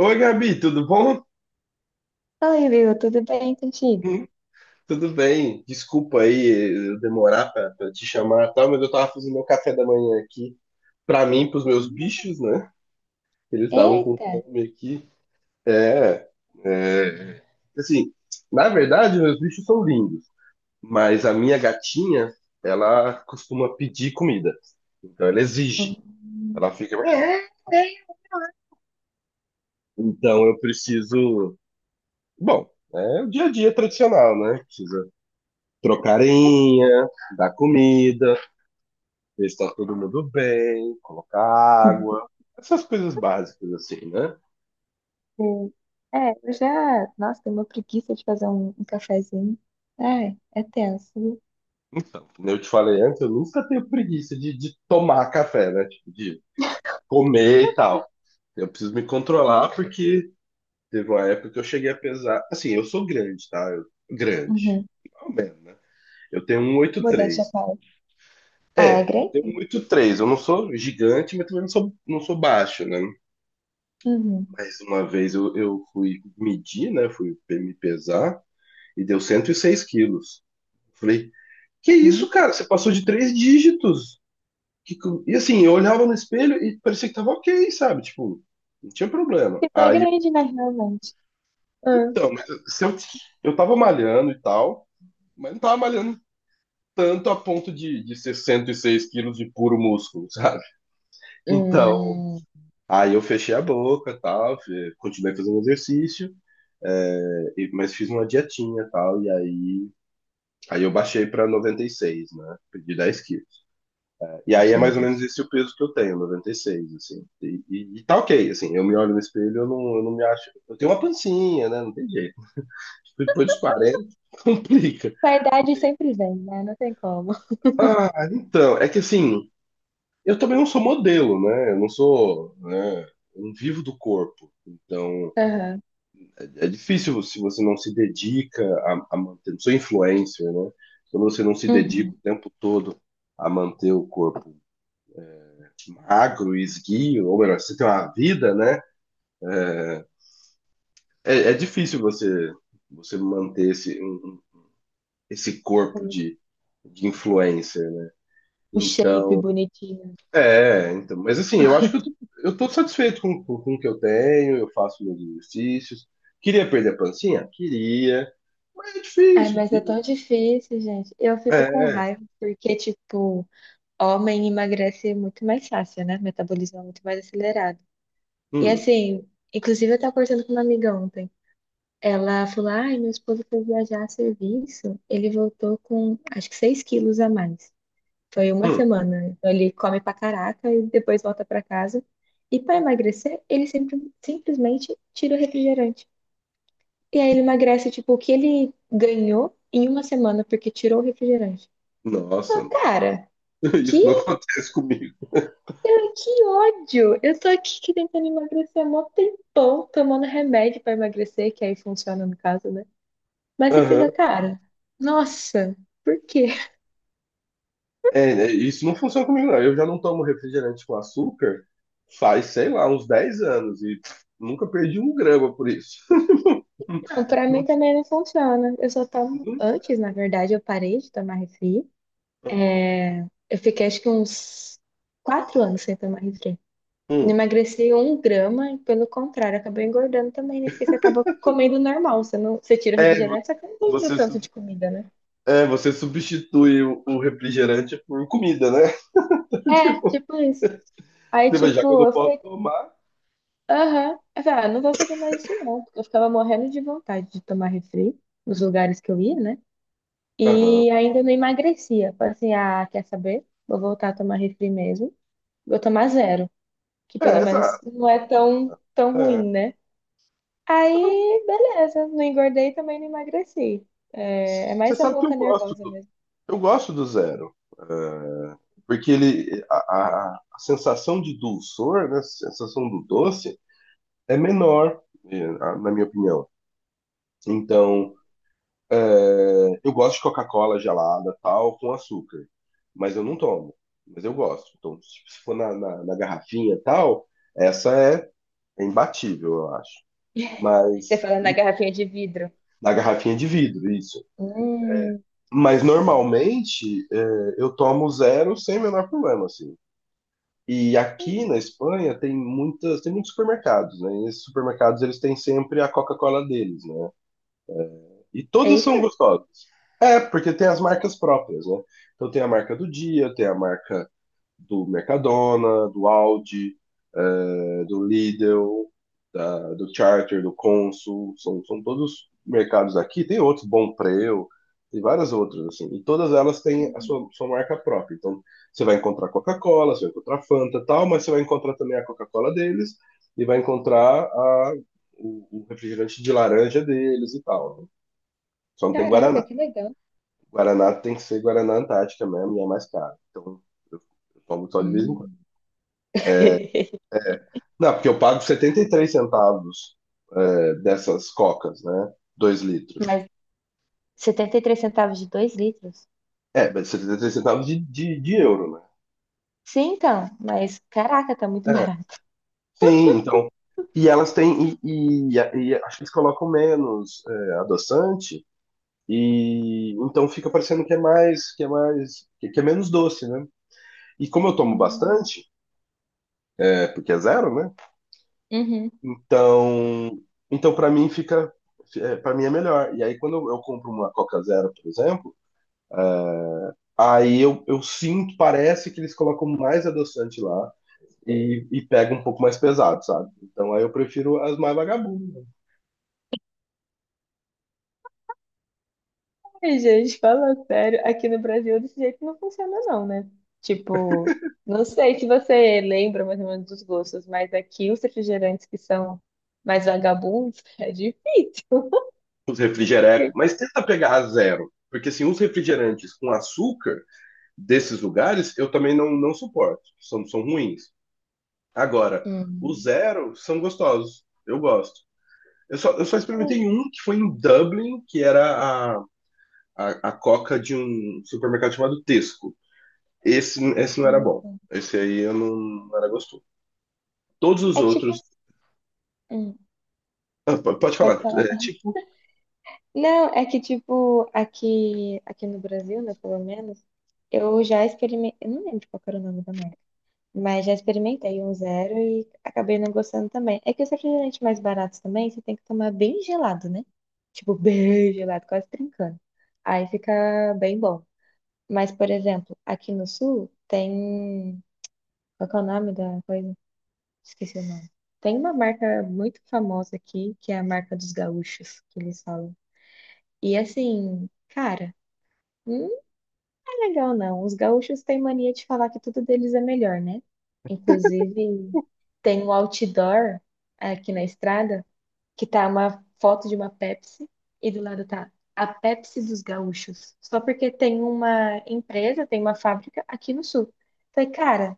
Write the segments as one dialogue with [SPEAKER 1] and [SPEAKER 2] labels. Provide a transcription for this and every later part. [SPEAKER 1] Oi, Gabi, tudo bom?
[SPEAKER 2] Oi, Will, tudo bem contigo?
[SPEAKER 1] Hum, Tudo bem. Desculpa aí eu demorar pra te chamar e tal, mas eu tava fazendo meu café da manhã aqui pra mim, pros meus bichos, né? Eles estavam com
[SPEAKER 2] Eita!
[SPEAKER 1] fome aqui. É, é, assim, Na verdade, meus bichos são lindos, mas a minha gatinha, ela costuma pedir comida. Então ela exige.
[SPEAKER 2] Hum.
[SPEAKER 1] Ela fica. Então eu preciso. Bom, é o dia a dia tradicional, né? Trocarinha, dar comida, ver se tá todo mundo bem, colocar água, essas coisas básicas assim, né?
[SPEAKER 2] É, eu já. Nossa, tenho uma preguiça de fazer um cafezinho. Ai, é tenso, viu?
[SPEAKER 1] Então, como eu te falei antes, eu nunca tenho preguiça de tomar café, né? Tipo, de comer e tal. Eu preciso me controlar porque teve uma época que eu cheguei a pesar. Assim, eu sou grande, tá? Grande.
[SPEAKER 2] Uhum.
[SPEAKER 1] Ao menos, né? Eu tenho um oito
[SPEAKER 2] Modéstia à
[SPEAKER 1] três.
[SPEAKER 2] parte.
[SPEAKER 1] É, eu
[SPEAKER 2] Alegre?
[SPEAKER 1] tenho um oito três. Eu não sou gigante, mas também não sou baixo, né?
[SPEAKER 2] Uhum.
[SPEAKER 1] Mas uma vez eu fui medir, né? Fui me pesar e deu 106 quilos. Falei, que
[SPEAKER 2] Hum.
[SPEAKER 1] isso, cara? Você passou de três dígitos. E assim, eu olhava no espelho e parecia que tava ok, sabe? Tipo, não tinha problema.
[SPEAKER 2] Ficou
[SPEAKER 1] Aí, eu-
[SPEAKER 2] grande, né, realmente. Hum.
[SPEAKER 1] então, mas eu- se eu, eu tava malhando e tal, mas não tava malhando tanto a ponto de ser 106 quilos de puro músculo, sabe? Então,
[SPEAKER 2] Hum.
[SPEAKER 1] aí eu fechei a boca e tal, continuei fazendo exercício. Mas fiz uma dietinha e tal, aí eu baixei pra noventa e seis, né? Perdi 10 quilos. E aí é mais ou menos
[SPEAKER 2] Gente.
[SPEAKER 1] esse o peso que eu tenho, 96, assim. E tá ok, assim, eu me olho no espelho, eu não me acho. Eu tenho uma pancinha, né? Não tem jeito. Depois dos 40 complica.
[SPEAKER 2] Com a idade sempre vem, né? Não tem como.
[SPEAKER 1] Ah, então, é que assim, eu também não sou modelo, né? Eu não sou, né? Eu não vivo do corpo. Então,
[SPEAKER 2] Aham.
[SPEAKER 1] é difícil se você não se dedica a manter. Não sou influencer, né? Quando você não se dedica o
[SPEAKER 2] Uhum.
[SPEAKER 1] tempo todo a manter o corpo magro e esguio, ou melhor, você tem uma vida, né? É difícil você manter esse corpo de influencer, né?
[SPEAKER 2] O shape
[SPEAKER 1] Então,
[SPEAKER 2] bonitinho.
[SPEAKER 1] eu acho que eu tô satisfeito com o que eu tenho, eu faço meus exercícios. Queria perder a pancinha? Queria, mas é
[SPEAKER 2] Ai,
[SPEAKER 1] difícil,
[SPEAKER 2] mas é
[SPEAKER 1] filho.
[SPEAKER 2] tão difícil, gente. Eu fico com
[SPEAKER 1] É.
[SPEAKER 2] raiva, porque, tipo, homem emagrece muito mais fácil, né? Metabolismo é muito mais acelerado. E
[SPEAKER 1] hum,
[SPEAKER 2] assim, inclusive eu tava conversando com uma amiga ontem. Ela falou: ai, meu esposo foi viajar a serviço, ele voltou com acho que 6 quilos a mais. Foi uma
[SPEAKER 1] hum.
[SPEAKER 2] semana. Então ele come pra caraca e depois volta pra casa. E pra emagrecer, ele sempre, simplesmente tira o refrigerante. E aí ele emagrece, tipo, o que ele ganhou em uma semana porque tirou o refrigerante.
[SPEAKER 1] Nossa,
[SPEAKER 2] Falei,
[SPEAKER 1] não.
[SPEAKER 2] cara, que,
[SPEAKER 1] Isso não acontece comigo.
[SPEAKER 2] que ódio! Eu tô aqui que tentando emagrecer há mó tempão, tomando remédio pra emagrecer, que aí funciona no caso, né? Mas você fica,
[SPEAKER 1] Aham.
[SPEAKER 2] cara, nossa, por quê?
[SPEAKER 1] Isso não funciona comigo, não. Eu já não tomo refrigerante com açúcar faz, sei lá, uns 10 anos e pff, nunca perdi um grama por isso.
[SPEAKER 2] Não, pra mim também não funciona. Eu só tomo antes, na verdade, eu parei de tomar refri.
[SPEAKER 1] Aham.
[SPEAKER 2] É, eu fiquei acho que uns 4 anos sem tomar refri. Não
[SPEAKER 1] Hum.
[SPEAKER 2] emagreci um grama e, pelo contrário, acabei engordando também, né? Porque você acaba comendo normal, você não, você tira o
[SPEAKER 1] É, vo-
[SPEAKER 2] refrigerante, só que não tem o
[SPEAKER 1] você,
[SPEAKER 2] tanto
[SPEAKER 1] sub-
[SPEAKER 2] de comida, né?
[SPEAKER 1] você substitui o refrigerante por comida, né?
[SPEAKER 2] É,
[SPEAKER 1] Tipo,
[SPEAKER 2] tipo isso. Aí,
[SPEAKER 1] você vai, já que eu não
[SPEAKER 2] tipo, eu
[SPEAKER 1] posso
[SPEAKER 2] falei,
[SPEAKER 1] tomar.
[SPEAKER 2] aham. Eu falei, ah, não vou fazer mais isso não, porque eu ficava morrendo de vontade de tomar refri nos lugares que eu ia, né?
[SPEAKER 1] Aham.
[SPEAKER 2] E ainda não emagrecia. Falei assim, ah, quer saber? Vou voltar a tomar refri mesmo. Vou tomar zero, que pelo
[SPEAKER 1] É,
[SPEAKER 2] menos
[SPEAKER 1] exato.
[SPEAKER 2] não é tão
[SPEAKER 1] É.
[SPEAKER 2] ruim, né? Aí, beleza, não engordei e também não emagreci. É, é
[SPEAKER 1] Você
[SPEAKER 2] mais a
[SPEAKER 1] sabe que eu
[SPEAKER 2] boca
[SPEAKER 1] gosto
[SPEAKER 2] nervosa mesmo.
[SPEAKER 1] eu gosto do zero. É. Porque ele, a sensação de dulçor, né, a sensação do doce, é menor, eh, na minha opinião. Então, eu gosto de Coca-Cola gelada, tal, com açúcar, mas eu não tomo, mas eu gosto. Então, se for na garrafinha, tal, essa é, é imbatível, eu acho.
[SPEAKER 2] Você
[SPEAKER 1] Mas
[SPEAKER 2] falando na garrafinha de vidro.
[SPEAKER 1] na garrafinha de vidro, isso.
[SPEAKER 2] Hum.
[SPEAKER 1] Mas
[SPEAKER 2] Nossa.
[SPEAKER 1] normalmente eu tomo zero sem o menor problema, assim. E aqui na Espanha tem muitos supermercados, né? E esses supermercados eles têm sempre a Coca-Cola deles, né? E todas são
[SPEAKER 2] Eita.
[SPEAKER 1] gostosas. É, porque tem as marcas próprias, né? Então tem a marca do dia, tem a marca do Mercadona, do Audi, do Lidl, do Charter, do Consul, são todos mercados aqui. Tem outros, Bompreu, tem várias outras, assim. E todas elas têm sua marca própria. Então, você vai encontrar Coca-Cola, você vai encontrar Fanta e tal, mas você vai encontrar também a Coca-Cola deles e vai encontrar o refrigerante de laranja deles e tal, né? Só não tem
[SPEAKER 2] Caraca,
[SPEAKER 1] Guaraná.
[SPEAKER 2] que legal.
[SPEAKER 1] Guaraná tem que ser Guaraná Antártica mesmo e é mais caro. Então, eu, eu tomo só de vez em...
[SPEAKER 2] Hum.
[SPEAKER 1] Não, porque eu pago 73 centavos, é, dessas cocas, né? 2 litros.
[SPEAKER 2] Mas 73 centavos de 2 litros?
[SPEAKER 1] É, mas 73 centavos de euro, né?
[SPEAKER 2] Sim, então, mas caraca, tá muito
[SPEAKER 1] É,
[SPEAKER 2] barato.
[SPEAKER 1] sim, então. E elas têm. E acho que eles colocam menos, é, adoçante. E então fica parecendo que é mais, que é menos doce, né? E como eu tomo
[SPEAKER 2] Hum.
[SPEAKER 1] bastante, é, porque é zero, né?
[SPEAKER 2] Uhum.
[SPEAKER 1] Então, então para mim fica, é, para mim é melhor. E aí quando eu compro uma Coca Zero, por exemplo, aí eu sinto, parece que eles colocam mais adoçante lá e pega um pouco mais pesado, sabe? Então aí eu prefiro as mais vagabundas, né?
[SPEAKER 2] Ai, gente, fala sério, aqui no Brasil desse jeito não funciona não, né? Tipo, não sei se você lembra mais ou menos dos gostos, mas aqui os refrigerantes que são mais vagabundos é difícil.
[SPEAKER 1] Os refrigerecos. Mas tenta pegar a zero, porque assim, os refrigerantes com açúcar desses lugares eu também não suporto, são ruins. Agora, os
[SPEAKER 2] Hum.
[SPEAKER 1] zero são gostosos, eu gosto. Eu só experimentei um que foi em Dublin, que era a coca de um supermercado chamado Tesco. Esse não era bom. Esse aí eu não... não era gostoso. Todos
[SPEAKER 2] É
[SPEAKER 1] os
[SPEAKER 2] que tipo
[SPEAKER 1] outros.
[SPEAKER 2] assim, hum,
[SPEAKER 1] Ah, pode
[SPEAKER 2] pode
[SPEAKER 1] falar,
[SPEAKER 2] falar.
[SPEAKER 1] é, tipo,
[SPEAKER 2] Não, é que tipo, aqui no Brasil, né, pelo menos, eu já experimentei, eu não lembro qual que era o nome da marca, mas já experimentei um zero e acabei não gostando também. É que os refrigerantes mais baratos também, você tem que tomar bem gelado, né? Tipo, bem gelado, quase trincando. Aí fica bem bom. Mas, por exemplo, aqui no Sul tem, qual que é o nome da coisa? Esqueci o nome. Tem uma marca muito famosa aqui, que é a marca dos gaúchos, que eles falam. E assim, cara, não é legal, não. Os gaúchos têm mania de falar que tudo deles é melhor, né? Inclusive, tem um outdoor aqui na estrada que tá uma foto de uma Pepsi e do lado tá a Pepsi dos gaúchos. Só porque tem uma empresa, tem uma fábrica aqui no sul. Falei, cara,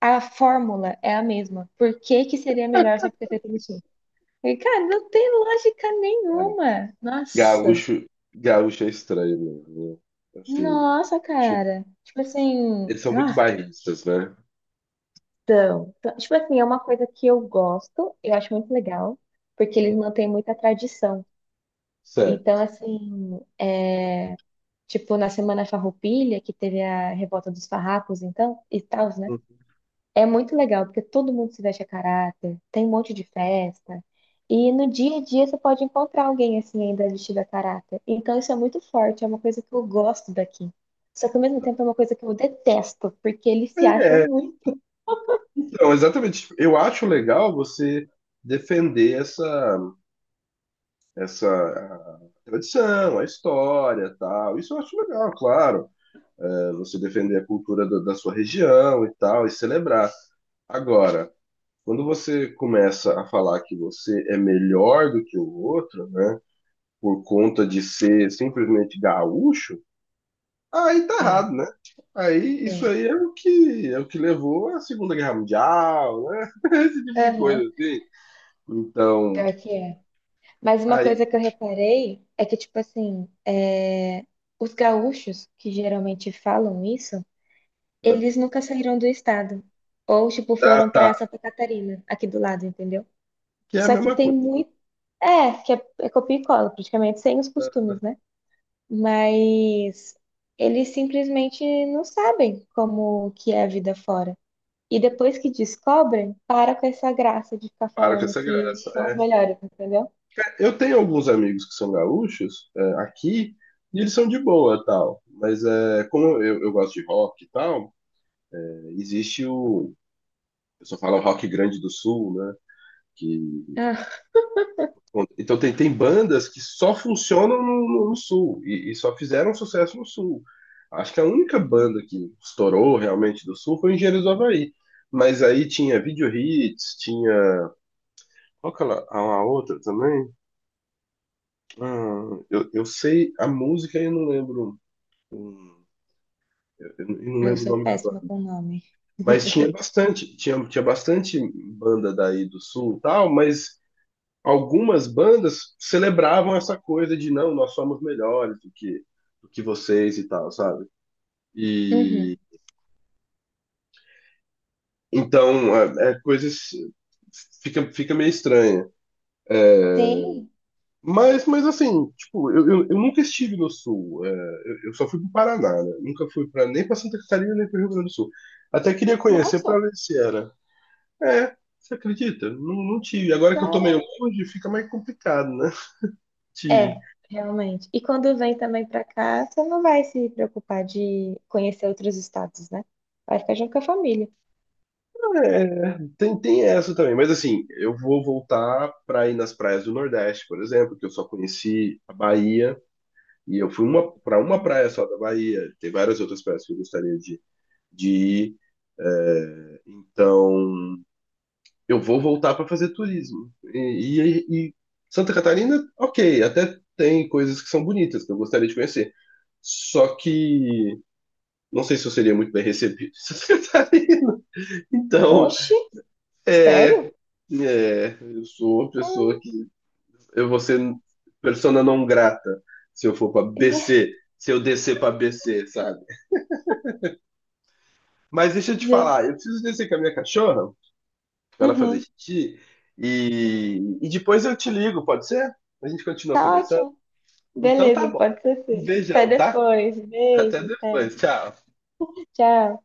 [SPEAKER 2] a fórmula é a mesma. Por que que seria melhor só porque é feita no sul? Falei, cara, não tem lógica nenhuma. Nossa,
[SPEAKER 1] gaúcho. Gaúcho é estranho, mesmo, né? Assim,
[SPEAKER 2] nossa,
[SPEAKER 1] tipo,
[SPEAKER 2] cara. Tipo assim,
[SPEAKER 1] eles são muito
[SPEAKER 2] ah.
[SPEAKER 1] bairristas, né?
[SPEAKER 2] Então, tipo assim, é uma coisa que eu gosto, eu acho muito legal, porque
[SPEAKER 1] Ah,
[SPEAKER 2] eles mantêm muita tradição.
[SPEAKER 1] sério.
[SPEAKER 2] Então, assim, é, tipo, na Semana Farroupilha, que teve a Revolta dos Farrapos, então, e tal, né? É muito legal, porque todo mundo se veste a caráter, tem um monte de festa, e no dia a dia você pode encontrar alguém, assim, ainda vestido a caráter. Então, isso é muito forte, é uma coisa que eu gosto daqui. Só que, ao mesmo tempo, é uma coisa que eu detesto, porque eles se acham muito.
[SPEAKER 1] Então, exatamente. Eu acho legal você defender essa, essa a tradição, a história, tal. Isso eu acho legal, claro. É, você defender a cultura da sua região e tal, e celebrar. Agora, quando você começa a falar que você é melhor do que o outro, né, por conta de ser simplesmente gaúcho, aí tá
[SPEAKER 2] É.
[SPEAKER 1] errado, né? Aí isso
[SPEAKER 2] Sim.
[SPEAKER 1] aí é o que é, o que levou à Segunda Guerra Mundial, né? Esse tipo de coisa
[SPEAKER 2] Aham.
[SPEAKER 1] assim. Então,
[SPEAKER 2] Pior que é. Mas uma
[SPEAKER 1] aí
[SPEAKER 2] coisa que eu reparei é que, tipo assim, é, os gaúchos, que geralmente falam isso, eles nunca saíram do estado. Ou, tipo, foram
[SPEAKER 1] tá,
[SPEAKER 2] pra Santa Catarina, aqui do lado, entendeu?
[SPEAKER 1] que é a
[SPEAKER 2] Só que
[SPEAKER 1] mesma
[SPEAKER 2] tem
[SPEAKER 1] coisa.
[SPEAKER 2] muito. É, que é, é copia e cola, praticamente, sem os
[SPEAKER 1] Tá?
[SPEAKER 2] costumes, né? Mas eles simplesmente não sabem como que é a vida fora. E depois que descobrem, para com essa graça de ficar
[SPEAKER 1] Para com
[SPEAKER 2] falando
[SPEAKER 1] essa
[SPEAKER 2] que
[SPEAKER 1] graça.
[SPEAKER 2] são os
[SPEAKER 1] É.
[SPEAKER 2] melhores, entendeu?
[SPEAKER 1] Eu tenho alguns amigos que são gaúchos, é, aqui, e eles são de boa, tal. Mas é, como eu gosto de rock e tal, é, existe o... pessoa fala o rock grande do sul, né? Que,
[SPEAKER 2] Ah.
[SPEAKER 1] então tem, tem bandas que só funcionam no sul e só fizeram sucesso no sul. Acho que a única banda que estourou realmente do sul foi Engenheiros do Havaí. Mas aí tinha Video Hits, tinha. Qual que a outra também? Ah, eu sei a música e eu não lembro. hum, eu não
[SPEAKER 2] Eu
[SPEAKER 1] lembro o
[SPEAKER 2] sou
[SPEAKER 1] nome da
[SPEAKER 2] péssima
[SPEAKER 1] banda.
[SPEAKER 2] com nome.
[SPEAKER 1] Mas tinha bastante banda daí do sul e tal, mas algumas bandas celebravam essa coisa de não, nós somos melhores do que vocês e tal, sabe? E
[SPEAKER 2] Uhum.
[SPEAKER 1] então é, é coisas fica, fica meio estranha. É,
[SPEAKER 2] Sim,
[SPEAKER 1] mas assim, tipo, eu nunca estive no sul. É, eu só fui pro Paraná, né? Nunca fui pra, nem pra Santa Catarina, nem pro Rio Grande do Sul. Até queria conhecer pra
[SPEAKER 2] nossa,
[SPEAKER 1] ver se era. É, você acredita? Não, não tive. Agora que eu tô meio
[SPEAKER 2] cara.
[SPEAKER 1] longe, fica mais complicado, né? De...
[SPEAKER 2] É, realmente. E quando vem também pra cá, você não vai se preocupar de conhecer outros estados, né? Vai ficar junto com a família.
[SPEAKER 1] É, tem, tem essa também, mas assim, eu vou voltar para ir nas praias do Nordeste, por exemplo, que eu só conheci a Bahia, e eu fui uma, para uma praia só da Bahia, tem várias outras praias que eu gostaria de ir, então eu vou voltar para fazer turismo. E Santa Catarina, ok, até tem coisas que são bonitas, que eu gostaria de conhecer, só que não sei se eu seria muito bem recebido em Santa Catarina, então,
[SPEAKER 2] Oxi,
[SPEAKER 1] é.
[SPEAKER 2] sério?
[SPEAKER 1] É, eu sou uma pessoa
[SPEAKER 2] Hum,
[SPEAKER 1] que eu vou ser persona não grata se eu for pra BC, se eu descer pra BC, sabe? Mas deixa eu te
[SPEAKER 2] gente,
[SPEAKER 1] falar, eu preciso descer com a minha cachorra pra ela fazer
[SPEAKER 2] uhum,
[SPEAKER 1] xixi e depois eu te ligo, pode ser? A gente continua
[SPEAKER 2] tá
[SPEAKER 1] conversando?
[SPEAKER 2] ótimo.
[SPEAKER 1] Então tá
[SPEAKER 2] Beleza,
[SPEAKER 1] bom.
[SPEAKER 2] pode ser
[SPEAKER 1] Um
[SPEAKER 2] sim. Até
[SPEAKER 1] beijão, tá?
[SPEAKER 2] depois.
[SPEAKER 1] Até
[SPEAKER 2] Beijo, até.
[SPEAKER 1] depois. Tchau.
[SPEAKER 2] Tchau.